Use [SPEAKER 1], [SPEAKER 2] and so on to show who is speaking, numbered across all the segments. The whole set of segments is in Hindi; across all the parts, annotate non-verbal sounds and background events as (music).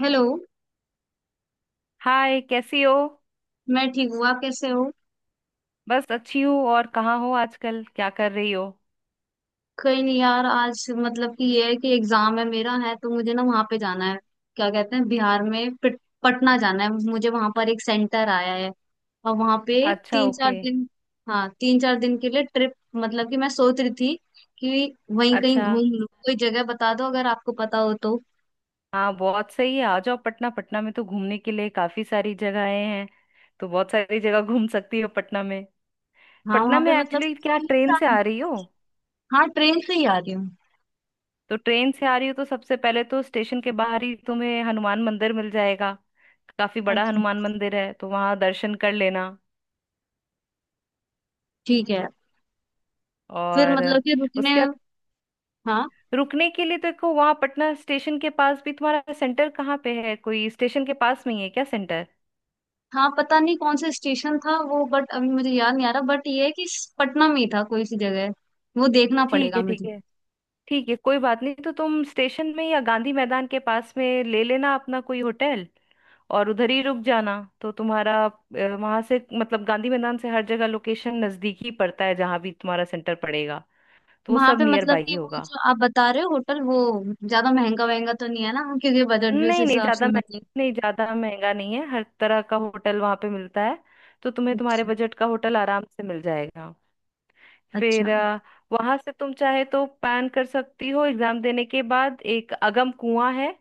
[SPEAKER 1] हेलो।
[SPEAKER 2] हाय, कैसी हो।
[SPEAKER 1] मैं ठीक हूँ, आप कैसे हो?
[SPEAKER 2] बस अच्छी हूँ। और कहाँ हो आजकल, क्या कर रही हो?
[SPEAKER 1] कहीं नहीं यार, आज मतलब कि ये है कि एग्जाम है मेरा, है तो मुझे ना वहां पे जाना है। क्या कहते हैं, बिहार में पटना जाना है मुझे, वहां पर एक सेंटर आया है। और वहां पे
[SPEAKER 2] अच्छा,
[SPEAKER 1] तीन चार
[SPEAKER 2] ओके।
[SPEAKER 1] दिन हाँ, 3 4 दिन के लिए ट्रिप, मतलब कि मैं सोच रही थी कि वहीं कहीं
[SPEAKER 2] अच्छा।
[SPEAKER 1] घूम लूँ। कोई जगह बता दो अगर आपको पता हो तो।
[SPEAKER 2] हाँ बहुत सही है, आ जाओ पटना। पटना में तो घूमने के लिए काफी सारी जगहें हैं, तो बहुत सारी जगह घूम सकती हो पटना में।
[SPEAKER 1] हाँ,
[SPEAKER 2] पटना
[SPEAKER 1] वहां पे
[SPEAKER 2] में
[SPEAKER 1] मतलब कि
[SPEAKER 2] एक्चुअली, क्या
[SPEAKER 1] तीन
[SPEAKER 2] ट्रेन से
[SPEAKER 1] चार।
[SPEAKER 2] आ रही हो?
[SPEAKER 1] हाँ, ट्रेन से ही आ रही हूँ।
[SPEAKER 2] तो ट्रेन से आ रही हो तो सबसे पहले तो स्टेशन के बाहर ही तुम्हें हनुमान मंदिर मिल जाएगा। काफी बड़ा
[SPEAKER 1] अच्छा,
[SPEAKER 2] हनुमान मंदिर है, तो वहाँ दर्शन कर लेना।
[SPEAKER 1] ठीक है। फिर
[SPEAKER 2] और
[SPEAKER 1] मतलब कि रुकने।
[SPEAKER 2] उसके
[SPEAKER 1] हाँ।
[SPEAKER 2] रुकने के लिए देखो, वहां पटना स्टेशन के पास भी, तुम्हारा सेंटर कहाँ पे है? कोई स्टेशन के पास में ही है क्या सेंटर?
[SPEAKER 1] हाँ, पता नहीं कौन सा स्टेशन था वो, बट अभी मुझे याद नहीं आ रहा, बट ये है कि पटना में ही था कोई सी जगह, वो देखना
[SPEAKER 2] ठीक
[SPEAKER 1] पड़ेगा
[SPEAKER 2] है। ठीक
[SPEAKER 1] मुझे।
[SPEAKER 2] है, ठीक है, कोई बात नहीं। तो तुम स्टेशन में या गांधी मैदान के पास में ले लेना अपना कोई होटल, और उधर ही रुक जाना। तो तुम्हारा वहां से, मतलब गांधी मैदान से हर जगह लोकेशन नजदीक ही पड़ता है। जहां भी तुम्हारा सेंटर पड़ेगा, तो वो
[SPEAKER 1] वहां
[SPEAKER 2] सब
[SPEAKER 1] पे
[SPEAKER 2] नियर
[SPEAKER 1] मतलब
[SPEAKER 2] बाई ही
[SPEAKER 1] कि वो
[SPEAKER 2] होगा।
[SPEAKER 1] जो आप बता रहे हो होटल वो, ज्यादा महंगा वहंगा तो नहीं है ना? क्योंकि बजट भी उस
[SPEAKER 2] नहीं नहीं,
[SPEAKER 1] हिसाब से
[SPEAKER 2] ज्यादा
[SPEAKER 1] होना
[SPEAKER 2] महंगा
[SPEAKER 1] चाहिए।
[SPEAKER 2] नहीं, ज्यादा महंगा नहीं है। हर तरह का होटल वहां पे मिलता है, तो तुम्हें तुम्हारे
[SPEAKER 1] अच्छा,
[SPEAKER 2] बजट का होटल आराम से मिल जाएगा।
[SPEAKER 1] अच्छा।
[SPEAKER 2] फिर वहां से तुम चाहे तो पैन कर सकती हो एग्जाम देने के बाद। एक अगम कुआं है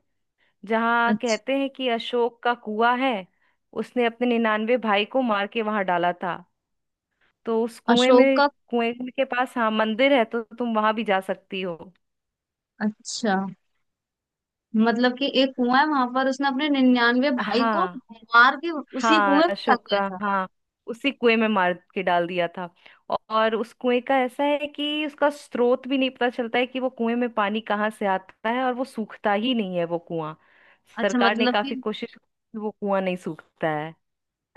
[SPEAKER 2] जहाँ
[SPEAKER 1] अच्छा।
[SPEAKER 2] कहते हैं कि अशोक का कुआं है। उसने अपने 99 भाई को मार के वहां डाला था, तो उस कुएं
[SPEAKER 1] अशोक
[SPEAKER 2] में।
[SPEAKER 1] का।
[SPEAKER 2] कुएं के पास हाँ मंदिर है, तो तुम वहां भी जा सकती हो।
[SPEAKER 1] अच्छा, मतलब कि एक कुआं है वहां पर, उसने अपने 99 भाई को
[SPEAKER 2] हाँ।
[SPEAKER 1] मार के उसी कुएं
[SPEAKER 2] हाँ,
[SPEAKER 1] में रख
[SPEAKER 2] अशोक
[SPEAKER 1] दिया
[SPEAKER 2] का
[SPEAKER 1] था।
[SPEAKER 2] हाँ। उसी कुएं में मार के डाल दिया था। और उस कुएं का ऐसा है कि उसका स्रोत भी नहीं पता चलता है कि वो कुएं में पानी कहाँ से आता है, और वो सूखता ही नहीं है वो कुआं।
[SPEAKER 1] अच्छा,
[SPEAKER 2] सरकार ने
[SPEAKER 1] मतलब कि।
[SPEAKER 2] काफी कोशिश की कि वो, कुआं नहीं सूखता है।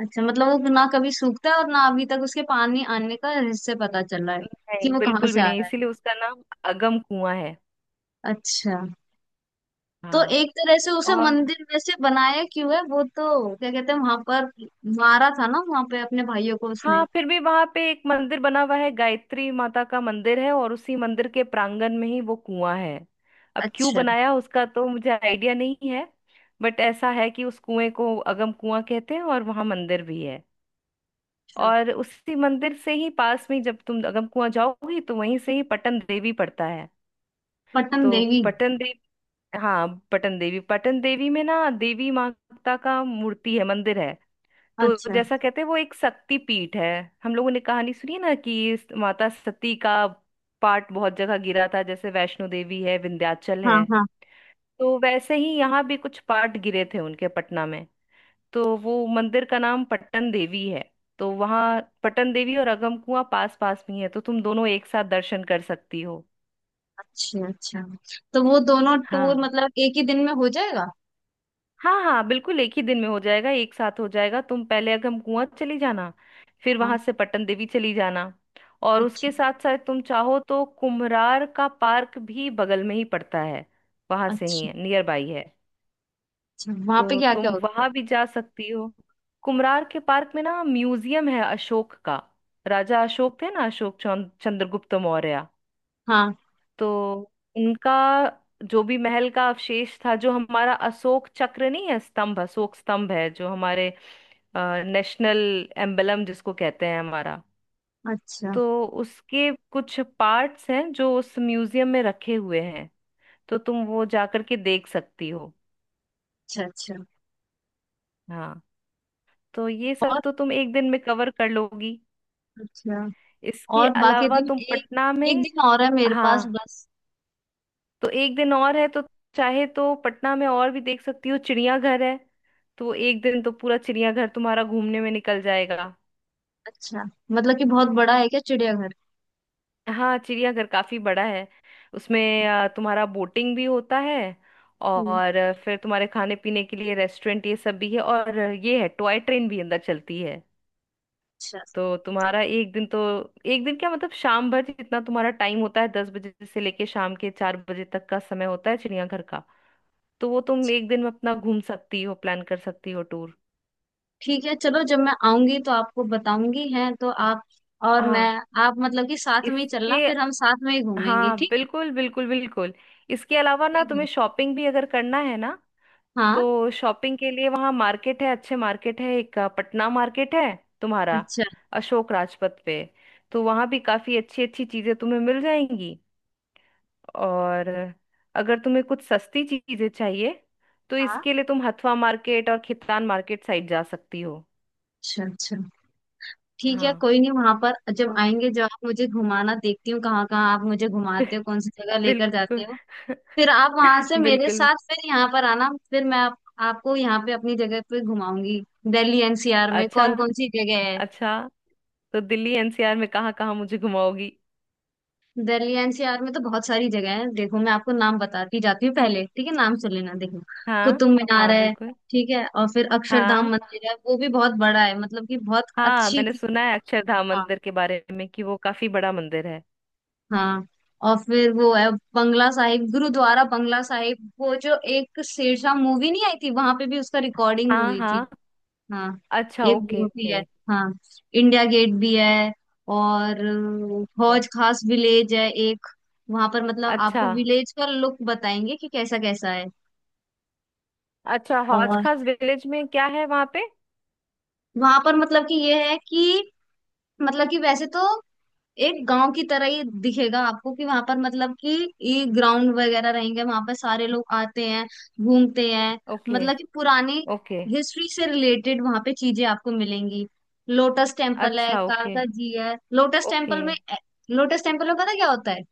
[SPEAKER 1] अच्छा, मतलब वो ना कभी सूखता है और ना अभी तक उसके पानी आने का हिस्से पता चल रहा है कि
[SPEAKER 2] नहीं,
[SPEAKER 1] वो कहाँ
[SPEAKER 2] बिल्कुल
[SPEAKER 1] से
[SPEAKER 2] भी
[SPEAKER 1] आ
[SPEAKER 2] नहीं।
[SPEAKER 1] रहा है।
[SPEAKER 2] इसीलिए उसका नाम अगम कुआं है।
[SPEAKER 1] अच्छा। तो
[SPEAKER 2] हाँ।
[SPEAKER 1] एक तरह से उसे
[SPEAKER 2] और
[SPEAKER 1] मंदिर वैसे बनाया क्यों है वो, तो क्या कहते हैं, वहां पर मारा था ना वहां पे अपने भाइयों को उसने।
[SPEAKER 2] हाँ, फिर भी वहां पे एक मंदिर बना हुआ है। गायत्री माता का मंदिर है, और उसी मंदिर के प्रांगण में ही वो कुआं है। अब क्यों
[SPEAKER 1] अच्छा,
[SPEAKER 2] बनाया उसका तो मुझे आइडिया नहीं है। बट ऐसा है कि उस कुएं को अगम कुआं कहते हैं और वहां मंदिर भी है।
[SPEAKER 1] अच्छा।
[SPEAKER 2] और उसी मंदिर से ही पास में, जब तुम अगम कुआं जाओगी तो वहीं से ही पटन देवी पड़ता है।
[SPEAKER 1] पट्टन
[SPEAKER 2] तो
[SPEAKER 1] देवी।
[SPEAKER 2] पटन देवी, हाँ पटन देवी। पटन देवी में ना देवी माता का मूर्ति है, मंदिर है। तो
[SPEAKER 1] अच्छा।
[SPEAKER 2] जैसा कहते हैं वो एक शक्ति पीठ है। हम लोगों ने कहानी सुनी है ना कि इस माता सती का पार्ट बहुत जगह गिरा था, जैसे वैष्णो देवी है, विंध्याचल
[SPEAKER 1] हाँ,
[SPEAKER 2] है।
[SPEAKER 1] हाँ।
[SPEAKER 2] तो वैसे ही यहाँ भी कुछ पार्ट गिरे थे उनके पटना में, तो वो मंदिर का नाम पट्टन देवी है। तो वहाँ पट्टन देवी और अगम कुआं पास पास में ही है, तो तुम दोनों एक साथ दर्शन कर सकती हो।
[SPEAKER 1] अच्छा, अच्छा। तो वो दोनों टूर
[SPEAKER 2] हाँ।
[SPEAKER 1] मतलब एक ही दिन में हो जाएगा?
[SPEAKER 2] हाँ हाँ, बिल्कुल एक ही दिन में हो जाएगा, एक साथ हो जाएगा। तुम पहले अगम कुआं चली जाना, फिर
[SPEAKER 1] हाँ।
[SPEAKER 2] वहां से पटन देवी चली जाना। और
[SPEAKER 1] अच्छा,
[SPEAKER 2] उसके साथ साथ तुम चाहो तो कुम्हरार का पार्क भी बगल में ही पड़ता है। वहां से ही
[SPEAKER 1] अच्छा।
[SPEAKER 2] है, नियर बाई है।
[SPEAKER 1] अच्छा, वहां पे
[SPEAKER 2] तो
[SPEAKER 1] क्या क्या
[SPEAKER 2] तुम
[SPEAKER 1] होता
[SPEAKER 2] वहां
[SPEAKER 1] है?
[SPEAKER 2] भी जा सकती हो। कुम्हरार के पार्क में ना म्यूजियम है अशोक का। राजा अशोक थे ना, चंद्रगुप्त मौर्य।
[SPEAKER 1] हाँ।
[SPEAKER 2] तो उनका जो भी महल का अवशेष था, जो हमारा अशोक चक्र नहीं है, स्तंभ, अशोक स्तंभ है, जो हमारे नेशनल एम्बलम जिसको कहते हैं हमारा।
[SPEAKER 1] अच्छा,
[SPEAKER 2] तो उसके कुछ पार्ट्स हैं जो उस म्यूजियम में रखे हुए हैं। तो तुम वो जाकर के देख सकती हो।
[SPEAKER 1] अच्छा। अच्छा।
[SPEAKER 2] हाँ। तो ये सब
[SPEAKER 1] और।
[SPEAKER 2] तो तुम एक दिन में कवर कर लोगी।
[SPEAKER 1] अच्छा।
[SPEAKER 2] इसके
[SPEAKER 1] और बाकी
[SPEAKER 2] अलावा
[SPEAKER 1] दिन
[SPEAKER 2] तुम
[SPEAKER 1] एक,
[SPEAKER 2] पटना
[SPEAKER 1] एक
[SPEAKER 2] में।
[SPEAKER 1] दिन और है मेरे पास
[SPEAKER 2] हाँ,
[SPEAKER 1] बस।
[SPEAKER 2] तो एक दिन और है, तो चाहे तो पटना में और भी देख सकती हो। चिड़ियाघर है, तो एक दिन तो पूरा चिड़ियाघर तुम्हारा घूमने में निकल जाएगा।
[SPEAKER 1] अच्छा, मतलब कि बहुत बड़ा है क्या चिड़ियाघर?
[SPEAKER 2] हाँ, चिड़ियाघर काफी बड़ा है। उसमें तुम्हारा बोटिंग भी होता है।
[SPEAKER 1] हम्म,
[SPEAKER 2] और फिर तुम्हारे खाने पीने के लिए रेस्टोरेंट ये सब भी है, और ये है टॉय ट्रेन भी अंदर चलती है।
[SPEAKER 1] अच्छा।
[SPEAKER 2] तो तुम्हारा एक दिन तो, एक दिन क्या मतलब शाम भर, जितना तुम्हारा टाइम होता है, 10 बजे से लेके शाम के 4 बजे तक का समय होता है चिड़ियाघर का। तो वो तुम एक दिन में अपना घूम सकती हो, प्लान कर सकती हो टूर।
[SPEAKER 1] ठीक है, चलो, जब मैं आऊंगी तो आपको बताऊंगी हैं तो आप। और मैं,
[SPEAKER 2] हाँ।
[SPEAKER 1] आप मतलब कि साथ में ही चलना,
[SPEAKER 2] इसके,
[SPEAKER 1] फिर हम साथ में ही घूमेंगे,
[SPEAKER 2] हाँ
[SPEAKER 1] ठीक है।
[SPEAKER 2] बिल्कुल बिल्कुल बिल्कुल। इसके अलावा ना,
[SPEAKER 1] ठीक है।
[SPEAKER 2] तुम्हें शॉपिंग भी अगर करना है ना,
[SPEAKER 1] हाँ।
[SPEAKER 2] तो शॉपिंग के लिए वहाँ मार्केट है, अच्छे मार्केट है। एक पटना मार्केट है तुम्हारा,
[SPEAKER 1] अच्छा।
[SPEAKER 2] अशोक राजपथ पे। तो वहाँ भी काफ़ी अच्छी अच्छी चीज़ें तुम्हें मिल जाएंगी। और अगर तुम्हें कुछ सस्ती चीज़ें चाहिए, तो
[SPEAKER 1] हाँ।
[SPEAKER 2] इसके लिए तुम हथवा मार्केट और खितान मार्केट साइड जा सकती हो।
[SPEAKER 1] अच्छा, अच्छा। ठीक है,
[SPEAKER 2] हाँ।
[SPEAKER 1] कोई नहीं। वहां पर जब
[SPEAKER 2] तो
[SPEAKER 1] आएंगे, जब आप मुझे घुमाना, देखती हूँ कहाँ कहाँ आप मुझे घुमाते
[SPEAKER 2] (laughs)
[SPEAKER 1] हो, कौन सी जगह लेकर जाते
[SPEAKER 2] बिल्कुल।
[SPEAKER 1] हो। फिर आप वहां
[SPEAKER 2] (laughs)
[SPEAKER 1] से मेरे
[SPEAKER 2] बिल्कुल।
[SPEAKER 1] साथ फिर यहाँ पर आना, फिर मैं आपको यहाँ पे अपनी जगह पे घुमाऊंगी। दिल्ली एनसीआर में
[SPEAKER 2] अच्छा,
[SPEAKER 1] कौन कौन सी जगह है?
[SPEAKER 2] अच्छा। तो दिल्ली एनसीआर में कहाँ कहाँ मुझे घुमाओगी?
[SPEAKER 1] दिल्ली एनसीआर में तो बहुत सारी जगह है, देखो, मैं आपको नाम बताती जाती हूँ पहले, ठीक है? नाम सुन लेना, देखो।
[SPEAKER 2] हाँ
[SPEAKER 1] कुतुब मीनार
[SPEAKER 2] हाँ
[SPEAKER 1] है।
[SPEAKER 2] बिल्कुल।
[SPEAKER 1] ठीक है। और फिर अक्षरधाम
[SPEAKER 2] हाँ
[SPEAKER 1] मंदिर है, वो भी बहुत बड़ा है, मतलब कि बहुत
[SPEAKER 2] हाँ,
[SPEAKER 1] अच्छी
[SPEAKER 2] मैंने
[SPEAKER 1] चीज।
[SPEAKER 2] सुना है अक्षरधाम
[SPEAKER 1] हाँ,
[SPEAKER 2] मंदिर के बारे में कि वो काफी बड़ा मंदिर है।
[SPEAKER 1] हाँ। और फिर वो है बंगला साहिब गुरुद्वारा, बंगला साहिब। वो जो एक शेरशाह मूवी नहीं आई थी, वहां पे भी उसका रिकॉर्डिंग
[SPEAKER 2] हाँ
[SPEAKER 1] हुई थी।
[SPEAKER 2] हाँ।
[SPEAKER 1] हाँ।
[SPEAKER 2] अच्छा,
[SPEAKER 1] एक
[SPEAKER 2] ओके
[SPEAKER 1] वो भी
[SPEAKER 2] ओके।
[SPEAKER 1] है। हाँ। इंडिया गेट भी है। और
[SPEAKER 2] ओके।
[SPEAKER 1] हौज खास विलेज है एक। वहां पर मतलब
[SPEAKER 2] अच्छा।
[SPEAKER 1] आपको विलेज का लुक बताएंगे कि कैसा कैसा है।
[SPEAKER 2] अच्छा, हौज
[SPEAKER 1] और
[SPEAKER 2] खास विलेज में क्या है वहां पे?
[SPEAKER 1] वहां पर मतलब कि ये है कि, मतलब कि वैसे तो एक गांव की तरह ही दिखेगा आपको कि वहां पर मतलब कि ये ग्राउंड वगैरह रहेंगे, वहां पर सारे लोग आते हैं, घूमते हैं।
[SPEAKER 2] ओके।
[SPEAKER 1] मतलब कि पुरानी
[SPEAKER 2] ओके।
[SPEAKER 1] हिस्ट्री से रिलेटेड वहां पे चीजें आपको मिलेंगी। लोटस टेम्पल है,
[SPEAKER 2] अच्छा ओके।
[SPEAKER 1] कालका जी है। Lotus
[SPEAKER 2] okay.
[SPEAKER 1] टेम्पल में, लोटस टेम्पल में पता क्या होता है?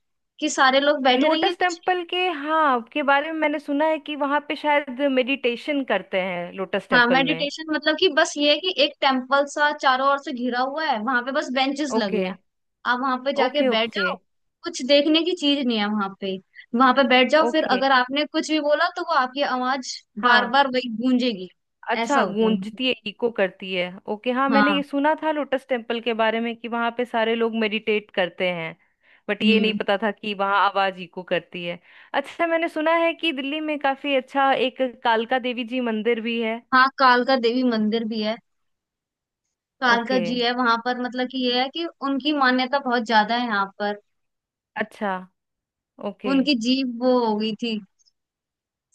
[SPEAKER 1] कि सारे लोग बैठे रहेंगे
[SPEAKER 2] लोटस
[SPEAKER 1] कुछ।
[SPEAKER 2] टेम्पल के, हाँ, के बारे में मैंने सुना है कि वहां पे शायद मेडिटेशन करते हैं लोटस
[SPEAKER 1] हाँ,
[SPEAKER 2] टेम्पल में।
[SPEAKER 1] मेडिटेशन मतलब कि बस ये है कि एक टेम्पल सा चारों ओर से घिरा हुआ है, वहां पे बस बेंचेस लगे
[SPEAKER 2] ओके
[SPEAKER 1] हैं। आप वहां पे जाके
[SPEAKER 2] ओके।
[SPEAKER 1] बैठ
[SPEAKER 2] ओके
[SPEAKER 1] जाओ। कुछ देखने की चीज नहीं है वहां पे। वहां पे बैठ जाओ, फिर
[SPEAKER 2] ओके।
[SPEAKER 1] अगर आपने कुछ भी बोला तो वो आपकी आवाज बार
[SPEAKER 2] हाँ।
[SPEAKER 1] बार वही गूंजेगी। ऐसा
[SPEAKER 2] अच्छा,
[SPEAKER 1] होता है मुझे।
[SPEAKER 2] गूंजती है, इको करती है। ओके, हाँ मैंने
[SPEAKER 1] हाँ।
[SPEAKER 2] ये सुना था लोटस टेम्पल के बारे में कि वहां पे सारे लोग मेडिटेट करते हैं। बट ये नहीं
[SPEAKER 1] हम्म,
[SPEAKER 2] पता था कि वहां आवाज इको करती है। अच्छा, मैंने सुना है कि दिल्ली में काफी अच्छा एक कालका देवी जी मंदिर भी है।
[SPEAKER 1] हाँ, कालका देवी मंदिर भी है। कालका
[SPEAKER 2] ओके।
[SPEAKER 1] जी है वहां पर, मतलब कि ये है कि उनकी मान्यता बहुत ज्यादा है यहाँ पर।
[SPEAKER 2] अच्छा। ओके।
[SPEAKER 1] उनकी जीभ वो हो गई थी,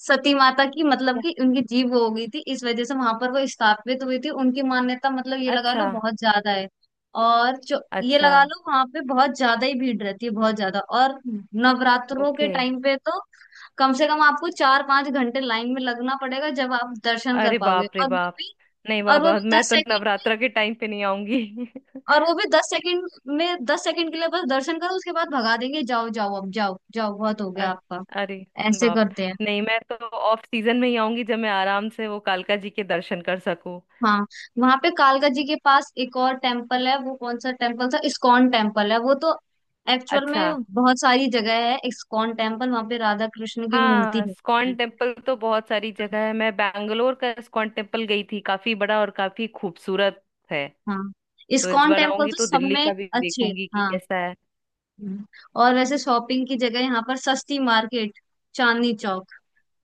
[SPEAKER 1] सती माता की, मतलब
[SPEAKER 2] क्या?
[SPEAKER 1] कि उनकी जीव वो हो गई थी, इस वजह से वहां पर वो स्थापित हुई थी, उनकी मान्यता मतलब ये लगा लो
[SPEAKER 2] अच्छा।
[SPEAKER 1] बहुत ज्यादा है। और जो ये
[SPEAKER 2] अच्छा।
[SPEAKER 1] लगा लो, वहां पे बहुत ज्यादा ही भीड़ रहती है, बहुत ज्यादा। और नवरात्रों के
[SPEAKER 2] ओके।
[SPEAKER 1] टाइम पे तो कम से कम आपको 4 5 घंटे लाइन में लगना पड़ेगा जब आप दर्शन कर
[SPEAKER 2] अरे
[SPEAKER 1] पाओगे।
[SPEAKER 2] बाप रे
[SPEAKER 1] और वो
[SPEAKER 2] बाप,
[SPEAKER 1] भी,
[SPEAKER 2] नहीं
[SPEAKER 1] और वो
[SPEAKER 2] बाबा,
[SPEAKER 1] भी
[SPEAKER 2] मैं
[SPEAKER 1] दस
[SPEAKER 2] तो
[SPEAKER 1] सेकंड में।
[SPEAKER 2] नवरात्रा के टाइम पे नहीं आऊंगी।
[SPEAKER 1] और वो भी दस सेकंड में, 10 सेकंड के लिए बस दर्शन करो, उसके बाद भगा देंगे, जाओ जाओ, अब जाओ जाओ, बहुत हो गया
[SPEAKER 2] अ-
[SPEAKER 1] आपका।
[SPEAKER 2] अरे
[SPEAKER 1] ऐसे
[SPEAKER 2] बाप।
[SPEAKER 1] करते हैं।
[SPEAKER 2] नहीं मैं तो ऑफ सीजन में ही आऊंगी, जब मैं आराम से वो कालका जी के दर्शन कर सकूं।
[SPEAKER 1] हाँ। वहां पे कालका जी के पास एक और टेम्पल है, वो कौन सा टेम्पल था, इस्कॉन टेम्पल है वो तो। एक्चुअल
[SPEAKER 2] अच्छा।
[SPEAKER 1] में बहुत सारी जगह है इस्कॉन टेम्पल, वहां पे राधा कृष्ण की मूर्ति
[SPEAKER 2] हाँ,
[SPEAKER 1] होती
[SPEAKER 2] स्कॉन
[SPEAKER 1] है।
[SPEAKER 2] टेम्पल तो बहुत सारी जगह है। मैं बैंगलोर का स्कॉन टेम्पल गई थी, काफी बड़ा और काफी खूबसूरत है।
[SPEAKER 1] हाँ,
[SPEAKER 2] तो इस
[SPEAKER 1] इस्कॉन
[SPEAKER 2] बार
[SPEAKER 1] टेम्पल
[SPEAKER 2] आऊंगी
[SPEAKER 1] तो
[SPEAKER 2] तो
[SPEAKER 1] सब
[SPEAKER 2] दिल्ली
[SPEAKER 1] में
[SPEAKER 2] का भी
[SPEAKER 1] अच्छे।
[SPEAKER 2] देखूंगी कि
[SPEAKER 1] हाँ।
[SPEAKER 2] कैसा है।
[SPEAKER 1] हम्म। और वैसे शॉपिंग की जगह यहाँ पर सस्ती market, Chandni Chowk,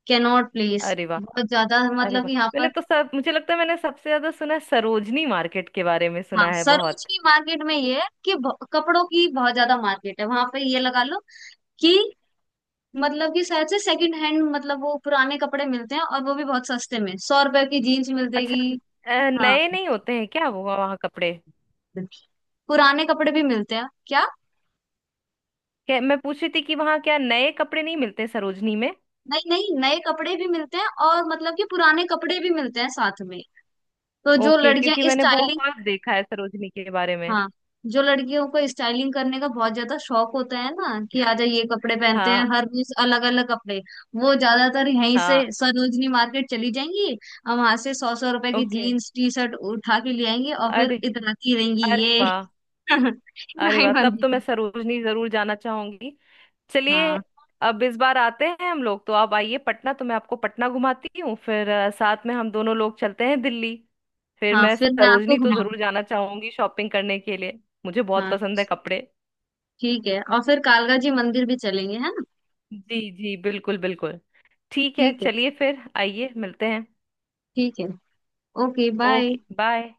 [SPEAKER 1] Connaught Place,
[SPEAKER 2] अरे वाह।
[SPEAKER 1] बहुत ज्यादा
[SPEAKER 2] अरे
[SPEAKER 1] मतलब
[SPEAKER 2] वाह,
[SPEAKER 1] कि यहाँ
[SPEAKER 2] मैंने
[SPEAKER 1] पर।
[SPEAKER 2] तो सब, मुझे लगता है मैंने सबसे ज्यादा सुना है सरोजनी मार्केट के बारे में,
[SPEAKER 1] हाँ,
[SPEAKER 2] सुना है
[SPEAKER 1] सरोज
[SPEAKER 2] बहुत।
[SPEAKER 1] की मार्केट में ये है कि कपड़ों की बहुत ज्यादा मार्केट है वहां पे, ये लगा लो कि, मतलब कि शायद से सेकंड हैंड, मतलब वो पुराने कपड़े मिलते हैं, और वो भी बहुत सस्ते में 100 रुपए की जीन्स मिल
[SPEAKER 2] अच्छा,
[SPEAKER 1] जाएगी। हाँ?
[SPEAKER 2] नए नहीं होते हैं क्या वो वहाँ कपड़े?
[SPEAKER 1] पुराने कपड़े भी मिलते हैं क्या?
[SPEAKER 2] क्या, मैं पूछ रही थी कि वहां क्या नए कपड़े नहीं मिलते सरोजनी में?
[SPEAKER 1] नहीं, नहीं, नए कपड़े भी मिलते हैं, और मतलब कि पुराने कपड़े भी मिलते हैं साथ में। तो जो
[SPEAKER 2] ओके, क्योंकि
[SPEAKER 1] लड़कियां
[SPEAKER 2] मैंने
[SPEAKER 1] स्टाइलिश।
[SPEAKER 2] बहुत देखा है सरोजनी के बारे में।
[SPEAKER 1] हाँ, जो लड़कियों को स्टाइलिंग करने का बहुत ज्यादा शौक होता है ना, कि आजा ये कपड़े पहनते हैं
[SPEAKER 2] हाँ।
[SPEAKER 1] हर रोज अलग अलग कपड़े, वो ज्यादातर यहीं से
[SPEAKER 2] हाँ।
[SPEAKER 1] सरोजनी मार्केट चली जाएंगी। और वहां से 100 100 रुपए की
[SPEAKER 2] ओके।
[SPEAKER 1] जीन्स टी शर्ट उठा के ले आएंगी और फिर
[SPEAKER 2] अरे।
[SPEAKER 1] इतराती रहेंगी
[SPEAKER 2] अरे
[SPEAKER 1] ये।
[SPEAKER 2] वाह।
[SPEAKER 1] (laughs)
[SPEAKER 2] अरे
[SPEAKER 1] नहीं
[SPEAKER 2] वाह, तब
[SPEAKER 1] बनती
[SPEAKER 2] तो मैं
[SPEAKER 1] है।
[SPEAKER 2] सरोजनी जरूर जाना चाहूंगी। चलिए,
[SPEAKER 1] हाँ,
[SPEAKER 2] अब इस बार आते हैं हम लोग, तो आप आइए पटना, तो मैं आपको पटना घुमाती हूँ। फिर साथ में हम दोनों लोग चलते हैं दिल्ली। फिर
[SPEAKER 1] हाँ।
[SPEAKER 2] मैं
[SPEAKER 1] फिर मैं आपको
[SPEAKER 2] सरोजनी तो
[SPEAKER 1] घुमाऊंगी।
[SPEAKER 2] जरूर जाना चाहूंगी शॉपिंग करने के लिए। मुझे बहुत
[SPEAKER 1] हाँ,
[SPEAKER 2] पसंद है कपड़े।
[SPEAKER 1] ठीक है। और फिर कालका जी मंदिर भी चलेंगे, है ना?
[SPEAKER 2] जी जी, बिल्कुल बिल्कुल। ठीक है,
[SPEAKER 1] ठीक है।
[SPEAKER 2] चलिए फिर आइए, मिलते हैं।
[SPEAKER 1] ठीक है। Okay bye.
[SPEAKER 2] Okay bye.